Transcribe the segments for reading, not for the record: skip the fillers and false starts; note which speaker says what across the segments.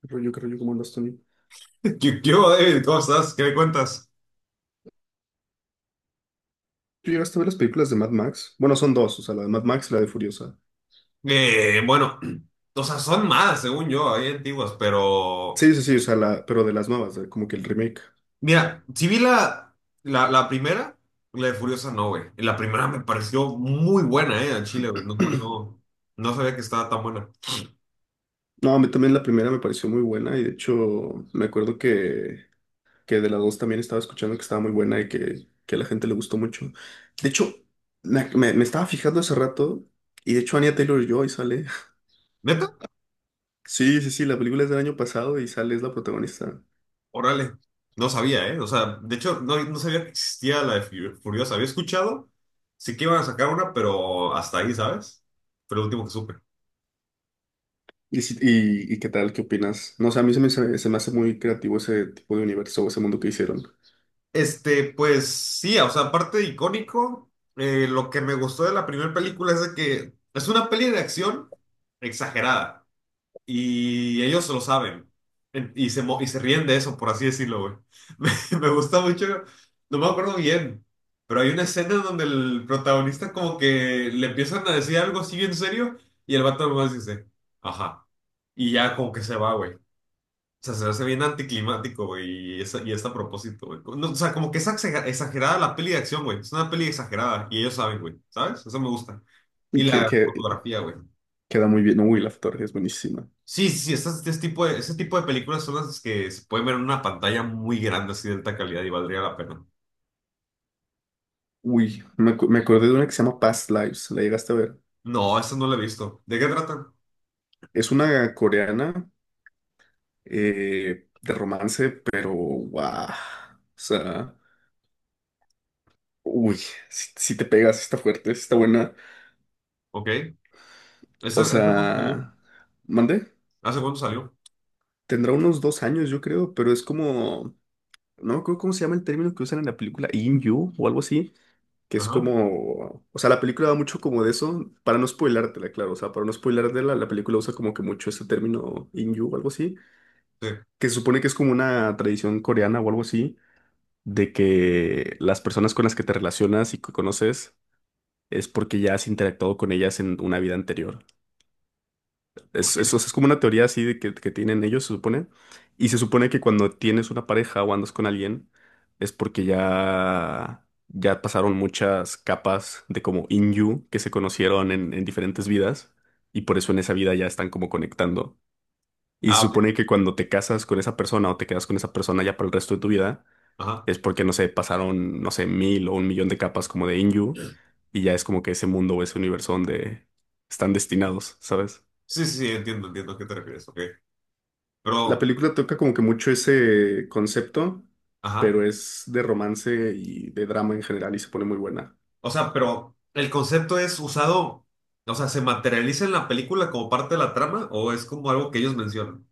Speaker 1: Qué rollo como andas, Tony.
Speaker 2: ¿Qué hubo, David? ¿Cómo estás? ¿Qué me cuentas?
Speaker 1: ¿Tú llegaste a ver las películas de Mad Max? Bueno, son dos, o sea, la de Mad Max y la de Furiosa.
Speaker 2: Bueno, o sea, son más, según yo, hay antiguas, pero...
Speaker 1: Sí, sí, sí, o sea, pero de las nuevas, como que el remake.
Speaker 2: Mira, si vi la primera, la de Furiosa no, güey. La primera me pareció muy buena, al Chile, güey. No, no, sabía que estaba tan buena.
Speaker 1: No, a mí también la primera me pareció muy buena y de hecho me acuerdo que de las dos también estaba escuchando que estaba muy buena y que a la gente le gustó mucho. De hecho, me estaba fijando hace rato y de hecho Anya Taylor-Joy sale.
Speaker 2: ¿Neta?
Speaker 1: Sí, sí, sí, la película es del año pasado y sale, es la protagonista.
Speaker 2: Órale. No sabía, eh. O sea, de hecho, no sabía que existía la de Furiosa. Había escuchado, sí que iban a sacar una, pero hasta ahí, ¿sabes? Fue lo último que supe.
Speaker 1: ¿Y qué tal? ¿Qué opinas? No sé, a mí se me hace muy creativo ese tipo de universo, ese mundo que hicieron.
Speaker 2: Pues sí, o sea, aparte de icónico, lo que me gustó de la primera película es de que es una peli de acción exagerada y ellos lo saben y se ríen de eso, por así decirlo, güey. Me gusta mucho, no me acuerdo bien, pero hay una escena donde el protagonista como que le empiezan a decir algo así bien serio y el vato nomás dice, ajá, y ya como que se va, güey. O sea, se me hace bien anticlimático, güey, y es a propósito, güey. No, o sea, como que es exagerada la peli de acción, güey. Es una peli exagerada y ellos saben, güey, ¿sabes? Eso me gusta.
Speaker 1: Y
Speaker 2: Y
Speaker 1: que,
Speaker 2: la
Speaker 1: que
Speaker 2: fotografía, güey.
Speaker 1: queda muy bien. Uy, la fotografía es buenísima.
Speaker 2: Sí, sí, sí, este tipo de, ese tipo de películas son las que se pueden ver en una pantalla muy grande, así de alta calidad y valdría la pena.
Speaker 1: Uy, me acordé de una que se llama Past Lives. ¿La llegaste a ver?
Speaker 2: No, esa no la he visto. ¿De qué tratan?
Speaker 1: Es una coreana de romance, pero guau. O sea, uy, si te pegas, está fuerte, sí está buena.
Speaker 2: Ok. ¿Esa,
Speaker 1: O
Speaker 2: hace cuánto salió?
Speaker 1: sea, ¿mandé?
Speaker 2: ¿Hace cuánto salió?
Speaker 1: Tendrá unos 2 años, yo creo, pero es como. No me acuerdo cómo se llama el término que usan en la película, In You o algo así que es
Speaker 2: Ajá.
Speaker 1: como, o sea, la película da mucho como de eso, para no spoilártela, claro, o sea, para no spoilártela, la película usa como que mucho este término Inyu o algo así,
Speaker 2: Sí.
Speaker 1: que se supone que es como una tradición coreana o algo así, de que las personas con las que te relacionas y que conoces es porque ya has interactuado con ellas en una vida anterior. Es,
Speaker 2: Ok.
Speaker 1: es, o sea, es como una teoría así de que tienen ellos, se supone. Y se supone que cuando tienes una pareja o andas con alguien, es porque ya pasaron muchas capas de como in you que se conocieron en diferentes vidas. Y por eso en esa vida ya están como conectando. Y se
Speaker 2: Ah, ok.
Speaker 1: supone que cuando te casas con esa persona o te quedas con esa persona ya para el resto de tu vida,
Speaker 2: Ajá.
Speaker 1: es porque, no sé, pasaron, no sé, mil o un millón de capas como de in you. Y ya es como que ese mundo o ese universo donde están destinados, ¿sabes?
Speaker 2: Sí, sí, sí, entiendo, entiendo a qué te refieres. Ok.
Speaker 1: La
Speaker 2: Pero,
Speaker 1: película toca como que mucho ese concepto,
Speaker 2: ajá.
Speaker 1: pero es de romance y de drama en general y se pone muy buena.
Speaker 2: O sea, pero el concepto es usado, o sea, ¿se materializa en la película como parte de la trama o es como algo que ellos mencionan?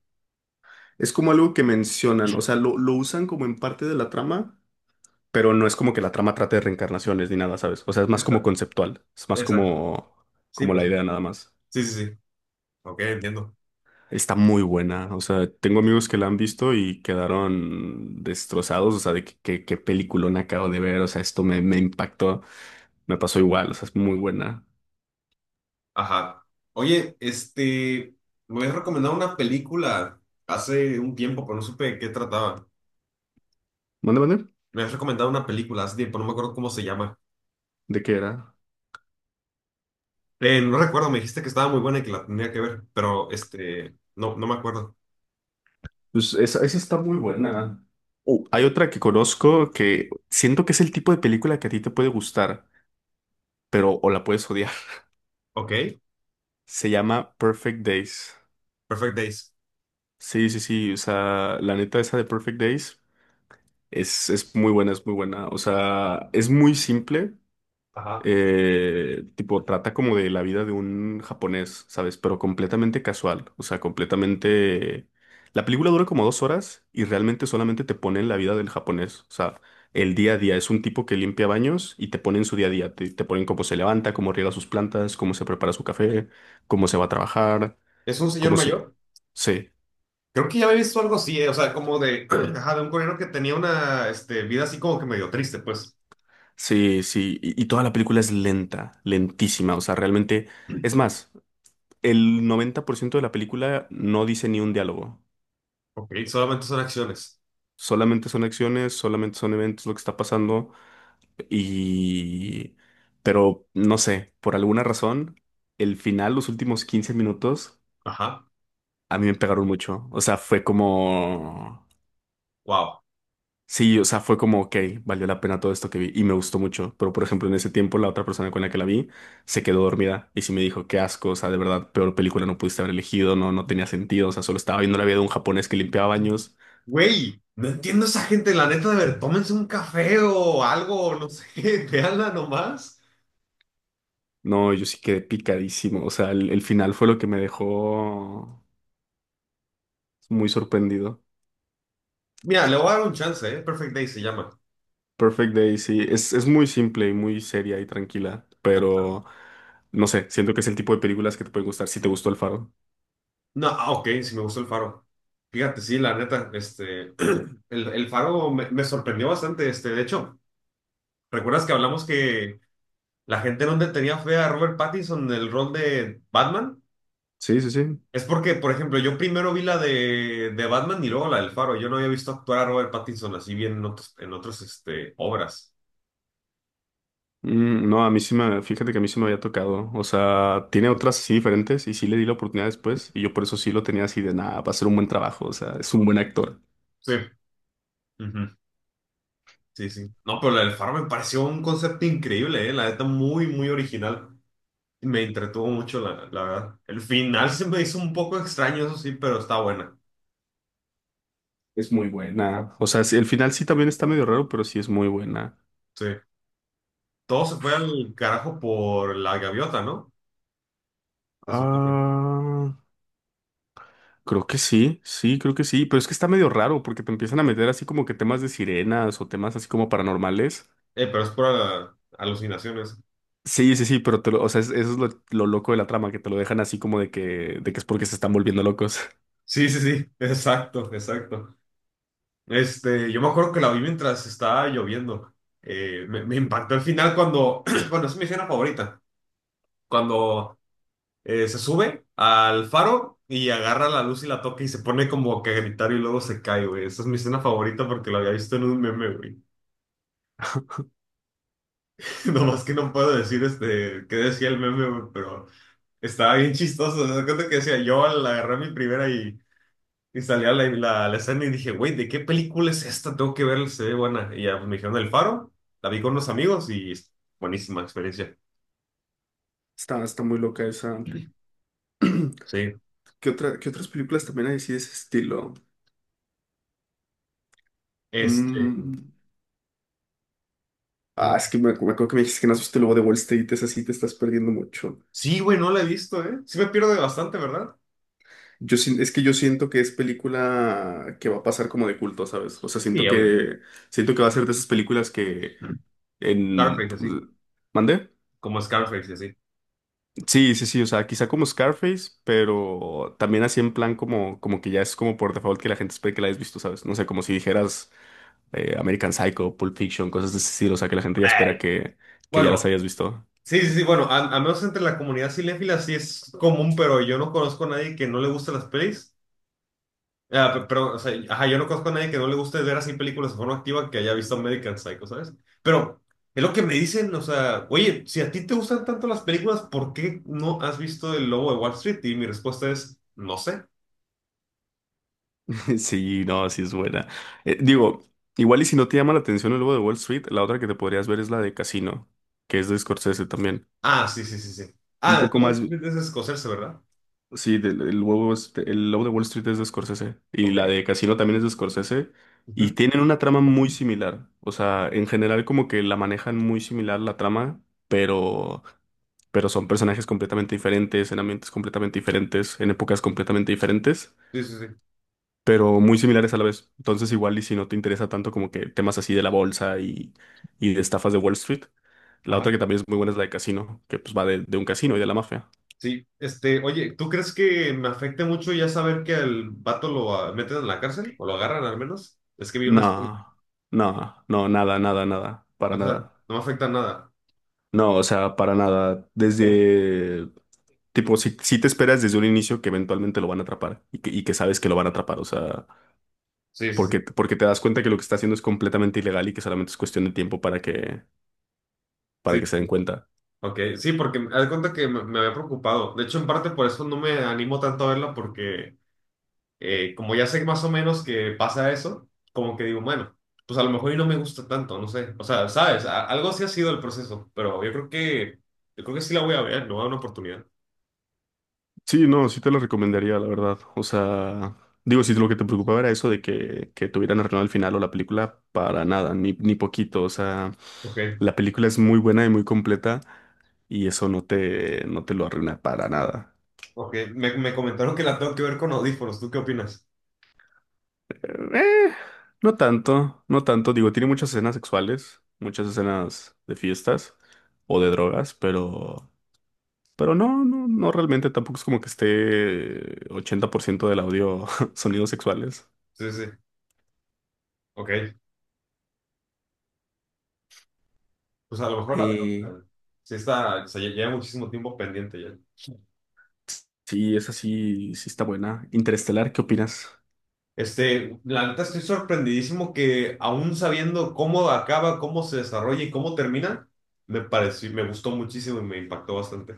Speaker 1: Es como algo que mencionan, o
Speaker 2: Sí.
Speaker 1: sea, lo usan como en parte de la trama, pero no es como que la trama trate de reencarnaciones ni nada, ¿sabes? O sea, es más como
Speaker 2: Exacto.
Speaker 1: conceptual, es más
Speaker 2: Exacto.
Speaker 1: como,
Speaker 2: Sí,
Speaker 1: como
Speaker 2: pues.
Speaker 1: la idea nada más.
Speaker 2: Sí, sí, sí. Ok, entiendo.
Speaker 1: Está muy buena, o sea, tengo amigos que la han visto y quedaron destrozados, o sea, de qué peliculón acabo de ver, o sea, esto me impactó, me pasó igual, o sea, es muy buena.
Speaker 2: Ajá. Oye, me habías recomendado una película hace un tiempo, pero no supe de qué trataba.
Speaker 1: ¿Mande, mande?
Speaker 2: Me habías recomendado una película hace tiempo, no me acuerdo cómo se llama.
Speaker 1: ¿De qué era?
Speaker 2: No recuerdo, me dijiste que estaba muy buena y que la tenía que ver, pero no me acuerdo.
Speaker 1: Pues esa está muy buena. Hay otra que conozco que siento que es el tipo de película que a ti te puede gustar, pero o la puedes odiar.
Speaker 2: Ok,
Speaker 1: Se llama Perfect Days.
Speaker 2: Perfect Days.
Speaker 1: Sí, sí, sí. O sea, la neta esa de Perfect Days es muy buena, es muy buena. O sea, es muy simple.
Speaker 2: Ajá.
Speaker 1: Tipo, trata como de la vida de un japonés, ¿sabes? Pero completamente casual, o sea, completamente. La película dura como 2 horas y realmente solamente te ponen la vida del japonés, o sea, el día a día. Es un tipo que limpia baños y te ponen su día a día, te ponen cómo se levanta, cómo riega sus plantas, cómo se prepara su café, cómo se va a trabajar,
Speaker 2: ¿Es un señor
Speaker 1: cómo se.
Speaker 2: mayor?
Speaker 1: Sí,
Speaker 2: Creo que ya había visto algo así, o sea, como de, ajá, de un coreano que tenía una, vida así como que medio triste, pues.
Speaker 1: sí, sí, y toda la película es lenta, lentísima, o sea, realmente. Es más, el 90% de la película no dice ni un diálogo.
Speaker 2: Ok, solamente son acciones.
Speaker 1: Solamente son acciones, solamente son eventos lo que está pasando y. Pero no sé, por alguna razón, el final, los últimos 15 minutos,
Speaker 2: Ajá,
Speaker 1: a mí me pegaron mucho. O sea, fue como.
Speaker 2: wow.
Speaker 1: Sí, o sea, fue como, ok, valió la pena todo esto que vi y me gustó mucho. Pero, por ejemplo, en ese tiempo, la otra persona con la que la vi se quedó dormida y sí me dijo, qué asco, o sea, de verdad, peor película no pudiste haber elegido, no, no tenía sentido, o sea, solo estaba viendo la vida de un japonés que limpiaba baños.
Speaker 2: Güey, no entiendo esa gente, la neta, de ver, tómense un café o algo, no sé, veanla nomás.
Speaker 1: No, yo sí quedé picadísimo. O sea, el final fue lo que me dejó muy sorprendido.
Speaker 2: Mira, le voy a dar un chance, ¿eh? Perfect Day se llama.
Speaker 1: Perfect Day, sí. Es muy simple y muy seria y tranquila, pero no sé, siento que es el tipo de películas que te pueden gustar si te gustó El Faro.
Speaker 2: No, ah, ok, sí me gustó el faro. Fíjate, sí, la neta, el faro me sorprendió bastante, de hecho, ¿recuerdas que hablamos que la gente no le tenía fe a Robert Pattinson en el rol de Batman?
Speaker 1: Sí, sí, sí.
Speaker 2: Es porque, por ejemplo, yo primero vi la de Batman y luego la del Faro. Yo no había visto actuar a Robert Pattinson así bien en otros, en otras obras.
Speaker 1: No, a mí sí me, fíjate que a mí sí me había tocado. O sea, tiene otras así diferentes y sí le di la oportunidad después y yo por eso sí lo tenía así de nada, va a ser un buen trabajo. O sea, es un buen actor.
Speaker 2: Sí. Ujú. Sí, sí. No, pero la del Faro me pareció un concepto increíble, ¿eh? La neta, muy original. Me entretuvo mucho, la verdad. El final se me hizo un poco extraño, eso sí, pero está buena.
Speaker 1: Es muy buena. O sea, sí, el final sí también está medio raro, pero sí es muy buena.
Speaker 2: Sí. Todo se fue al carajo por la gaviota, ¿no? Se supone.
Speaker 1: Ah. Creo que sí, sí, creo que sí, pero es que está medio raro porque te empiezan a meter así como que temas de sirenas o temas así como paranormales.
Speaker 2: Pero es por alucinaciones.
Speaker 1: Sí, sí, sí, pero o sea, eso es lo loco de la trama, que te lo dejan así como de de que es porque se están volviendo locos.
Speaker 2: Sí, sí, sí, exacto, exacto. Este, yo me acuerdo que la vi mientras estaba lloviendo. Me impactó el final cuando, bueno, es mi escena favorita, cuando se sube al faro y agarra la luz y la toca y se pone como que a gritar y luego se cae, güey. Esa es mi escena favorita porque la había visto en un meme, güey. No más que no puedo decir qué decía el meme, güey, pero estaba bien chistoso. Me cuenta que decía, yo al agarrar mi primera y... Y salía la escena y dije, güey, ¿de qué película es esta? Tengo que verla, se ve buena. Y ya pues, me dijeron El Faro, la vi con unos amigos y es buenísima experiencia.
Speaker 1: Está muy loca esa.
Speaker 2: Sí.
Speaker 1: ¿ Qué otras películas también hay así de ese estilo?
Speaker 2: Este.
Speaker 1: Mm, Ah, es
Speaker 2: Mm.
Speaker 1: que me acuerdo que me dijiste que no viste luego de Wall Street, es así, te estás perdiendo mucho.
Speaker 2: Sí, güey, no la he visto, ¿eh? Sí me pierdo de bastante, ¿verdad?
Speaker 1: Es que yo siento que es película que va a pasar como de culto, ¿sabes? O sea,
Speaker 2: Sí, obvio.
Speaker 1: siento que va a ser de esas películas que.
Speaker 2: Mm.
Speaker 1: En...
Speaker 2: Scarface, así.
Speaker 1: ¿Mandé?
Speaker 2: Como Scarface, así.
Speaker 1: Sí, sí, sí, o sea, quizá como Scarface, pero también así en plan como, como que ya es como por default que la gente espera que la hayas visto, ¿sabes? No sé, como si dijeras American Psycho, Pulp Fiction, cosas de ese estilo, o sea, que la gente ya espera
Speaker 2: Ay.
Speaker 1: que ya las
Speaker 2: Bueno,
Speaker 1: hayas visto.
Speaker 2: sí, sí, sí, bueno, al menos entre la comunidad cinéfila sí es común, pero yo no conozco a nadie que no le guste las pelis. Ah, pero, o sea, ajá, yo no conozco a nadie que no le guste ver así películas de forma activa que haya visto American Psycho, ¿sabes? Pero es lo que me dicen, o sea, oye, si a ti te gustan tanto las películas, ¿por qué no has visto El Lobo de Wall Street? Y mi respuesta es, no sé.
Speaker 1: Sí, no, sí es buena. Digo, igual y si no te llama la atención el lobo de Wall Street, la otra que te podrías ver es la de Casino, que es de Scorsese también.
Speaker 2: Ah, sí, sí, sí, sí.
Speaker 1: Un
Speaker 2: Ah, El
Speaker 1: poco
Speaker 2: Lobo de Wall
Speaker 1: más.
Speaker 2: Street es escocerse, ¿verdad?
Speaker 1: Sí, el Lobo de Wall Street es de Scorsese y
Speaker 2: Ok.
Speaker 1: la de Casino también es de Scorsese y
Speaker 2: Ujú.
Speaker 1: tienen una trama muy similar. O sea, en general como que la manejan muy similar la trama, pero son personajes completamente diferentes, en ambientes completamente diferentes, en épocas completamente diferentes,
Speaker 2: Sí, sí, sí.
Speaker 1: pero muy similares a la vez. Entonces igual y si no te interesa tanto como que temas así de la bolsa y de estafas de Wall Street, la
Speaker 2: Ajá.
Speaker 1: otra que también es muy buena es la de Casino, que pues va de un casino y de la mafia.
Speaker 2: Sí, oye, ¿tú crees que me afecte mucho ya saber que al vato lo meten en la cárcel o lo agarran al menos? Es que vi una... serie.
Speaker 1: No, no, no, nada, nada, nada, para
Speaker 2: O sea,
Speaker 1: nada.
Speaker 2: no me afecta nada.
Speaker 1: No, o sea, para nada.
Speaker 2: Sí,
Speaker 1: Desde, tipo, si te esperas desde un inicio que eventualmente lo van a atrapar y que sabes que lo van a atrapar, o sea,
Speaker 2: sí, sí.
Speaker 1: porque te das cuenta que lo que está haciendo es completamente ilegal y que solamente es cuestión de tiempo para para
Speaker 2: Sí,
Speaker 1: que
Speaker 2: sí,
Speaker 1: se
Speaker 2: sí.
Speaker 1: den cuenta.
Speaker 2: Ok, sí, porque haz de cuenta que me había preocupado. De hecho, en parte por eso no me animo tanto a verla, porque como ya sé más o menos que pasa eso, como que digo, bueno, pues a lo mejor y no me gusta tanto, no sé. O sea, sabes, algo sí ha sido el proceso, pero yo creo que sí la voy a ver, no voy a dar una oportunidad.
Speaker 1: Sí, no, sí te lo recomendaría, la verdad. O sea, digo, si lo que te preocupaba era eso de que tuvieran arruinado el final o la película, para nada, ni poquito. O sea,
Speaker 2: Ok,
Speaker 1: la película es muy buena y muy completa. Y eso no te lo arruina para nada.
Speaker 2: ok. Me comentaron que la tengo que ver con audífonos. ¿Tú qué opinas?
Speaker 1: Eh, no tanto, no tanto. Digo, tiene muchas escenas sexuales, muchas escenas de fiestas o de drogas, pero no, realmente tampoco es como que esté 80% del audio sonidos sexuales.
Speaker 2: Sí, sí, ok. Pues a lo mejor la veo. O sea,
Speaker 1: Eh,
Speaker 2: sí está, o sea, lleva muchísimo tiempo pendiente ya.
Speaker 1: sí, esa sí, sí está buena. Interestelar, ¿qué opinas?
Speaker 2: Este, la neta estoy sorprendidísimo que aún sabiendo cómo acaba, cómo se desarrolla y cómo termina, me gustó muchísimo y me impactó bastante.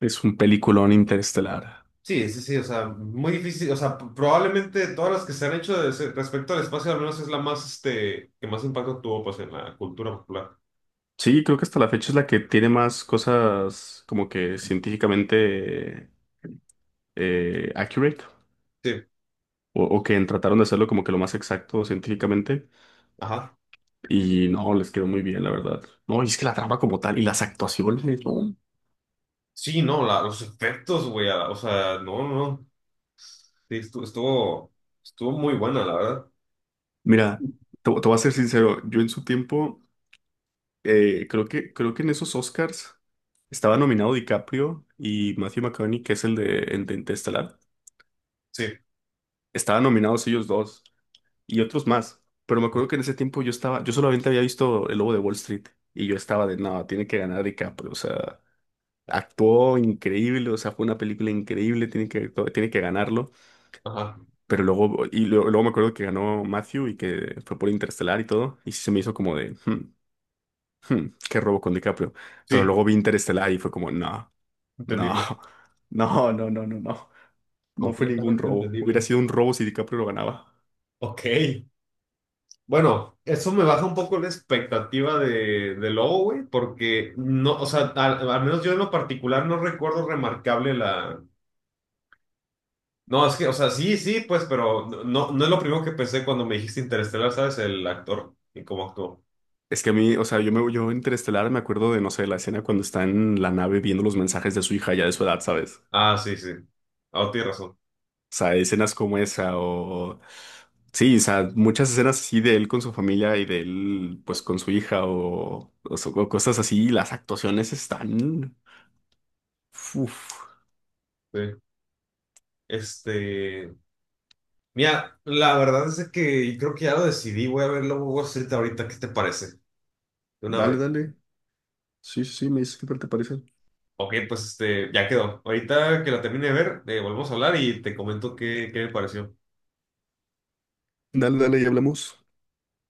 Speaker 1: Es un peliculón Interestelar.
Speaker 2: Sí, sí, sí, o sea, muy difícil, o sea, probablemente de todas las que se han hecho de respecto al espacio, al menos es la más, que más impacto tuvo, pues, en la cultura popular.
Speaker 1: Sí, creo que hasta la fecha es la que tiene más cosas como que científicamente accurate
Speaker 2: Sí,
Speaker 1: o que trataron de hacerlo como que lo más exacto científicamente
Speaker 2: ajá.
Speaker 1: y no, les quedó muy bien, la verdad. No, y es que la trama como tal y las actuaciones, no.
Speaker 2: Sí, no, los efectos, güey, o sea, no, no, sí, estuvo, estuvo muy buena, la verdad.
Speaker 1: Mira, te voy a ser sincero, yo en su tiempo creo que en esos Oscars estaba nominado DiCaprio y Matthew McConaughey, que es el de Interestelar.
Speaker 2: Sí,
Speaker 1: Estaban nominados ellos dos y otros más. Pero me acuerdo que en ese tiempo yo solamente había visto El Lobo de Wall Street y yo estaba de, no, tiene que ganar DiCaprio, o sea, actuó increíble, o sea, fue una película increíble, tiene que ganarlo.
Speaker 2: ajá,
Speaker 1: Pero luego, y luego luego, me acuerdo que ganó Matthew y que fue por Interestelar y todo. Y sí se me hizo como de, "Hmm, hmm, qué robo con DiCaprio." Pero
Speaker 2: sí,
Speaker 1: luego vi Interestelar y fue como, no, no,
Speaker 2: entendible,
Speaker 1: no, no, no, no, no. No fue ningún
Speaker 2: completamente
Speaker 1: robo. Hubiera
Speaker 2: entendible.
Speaker 1: sido un robo si DiCaprio lo ganaba.
Speaker 2: Ok. Bueno, eso me baja un poco la expectativa de Lobo, güey, porque no, o sea, al menos yo en lo particular no recuerdo remarcable la. No, es que, o sea, sí, sí, pues, pero no no es lo primero que pensé cuando me dijiste Interestelar, ¿sabes? El actor y cómo actuó.
Speaker 1: Es que a mí, o sea, yo Interestelar me acuerdo de, no sé, la escena cuando está en la nave viendo los mensajes de su hija ya de su edad, ¿sabes?
Speaker 2: Ah, sí, sí. Ah, oh, tienes razón.
Speaker 1: O sea, escenas como esa o. Sí, o sea, muchas escenas así de él con su familia y de él pues con su hija o cosas así. Y las actuaciones están. Uf.
Speaker 2: Sí. Este. Mira, la verdad es que creo que ya lo decidí. Voy a ver Lobo Wall Street ahorita. ¿Qué te parece? De una
Speaker 1: Dale,
Speaker 2: vez.
Speaker 1: dale. Sí, sí, sí, me dices qué tal te parece.
Speaker 2: Ok, pues este, ya quedó. Ahorita que la termine de ver, volvemos a hablar y te comento qué me pareció.
Speaker 1: Dale, dale, y hablamos.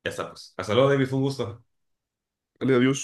Speaker 2: Ya está, pues. Hasta luego, David, fue un gusto.
Speaker 1: Dale, adiós.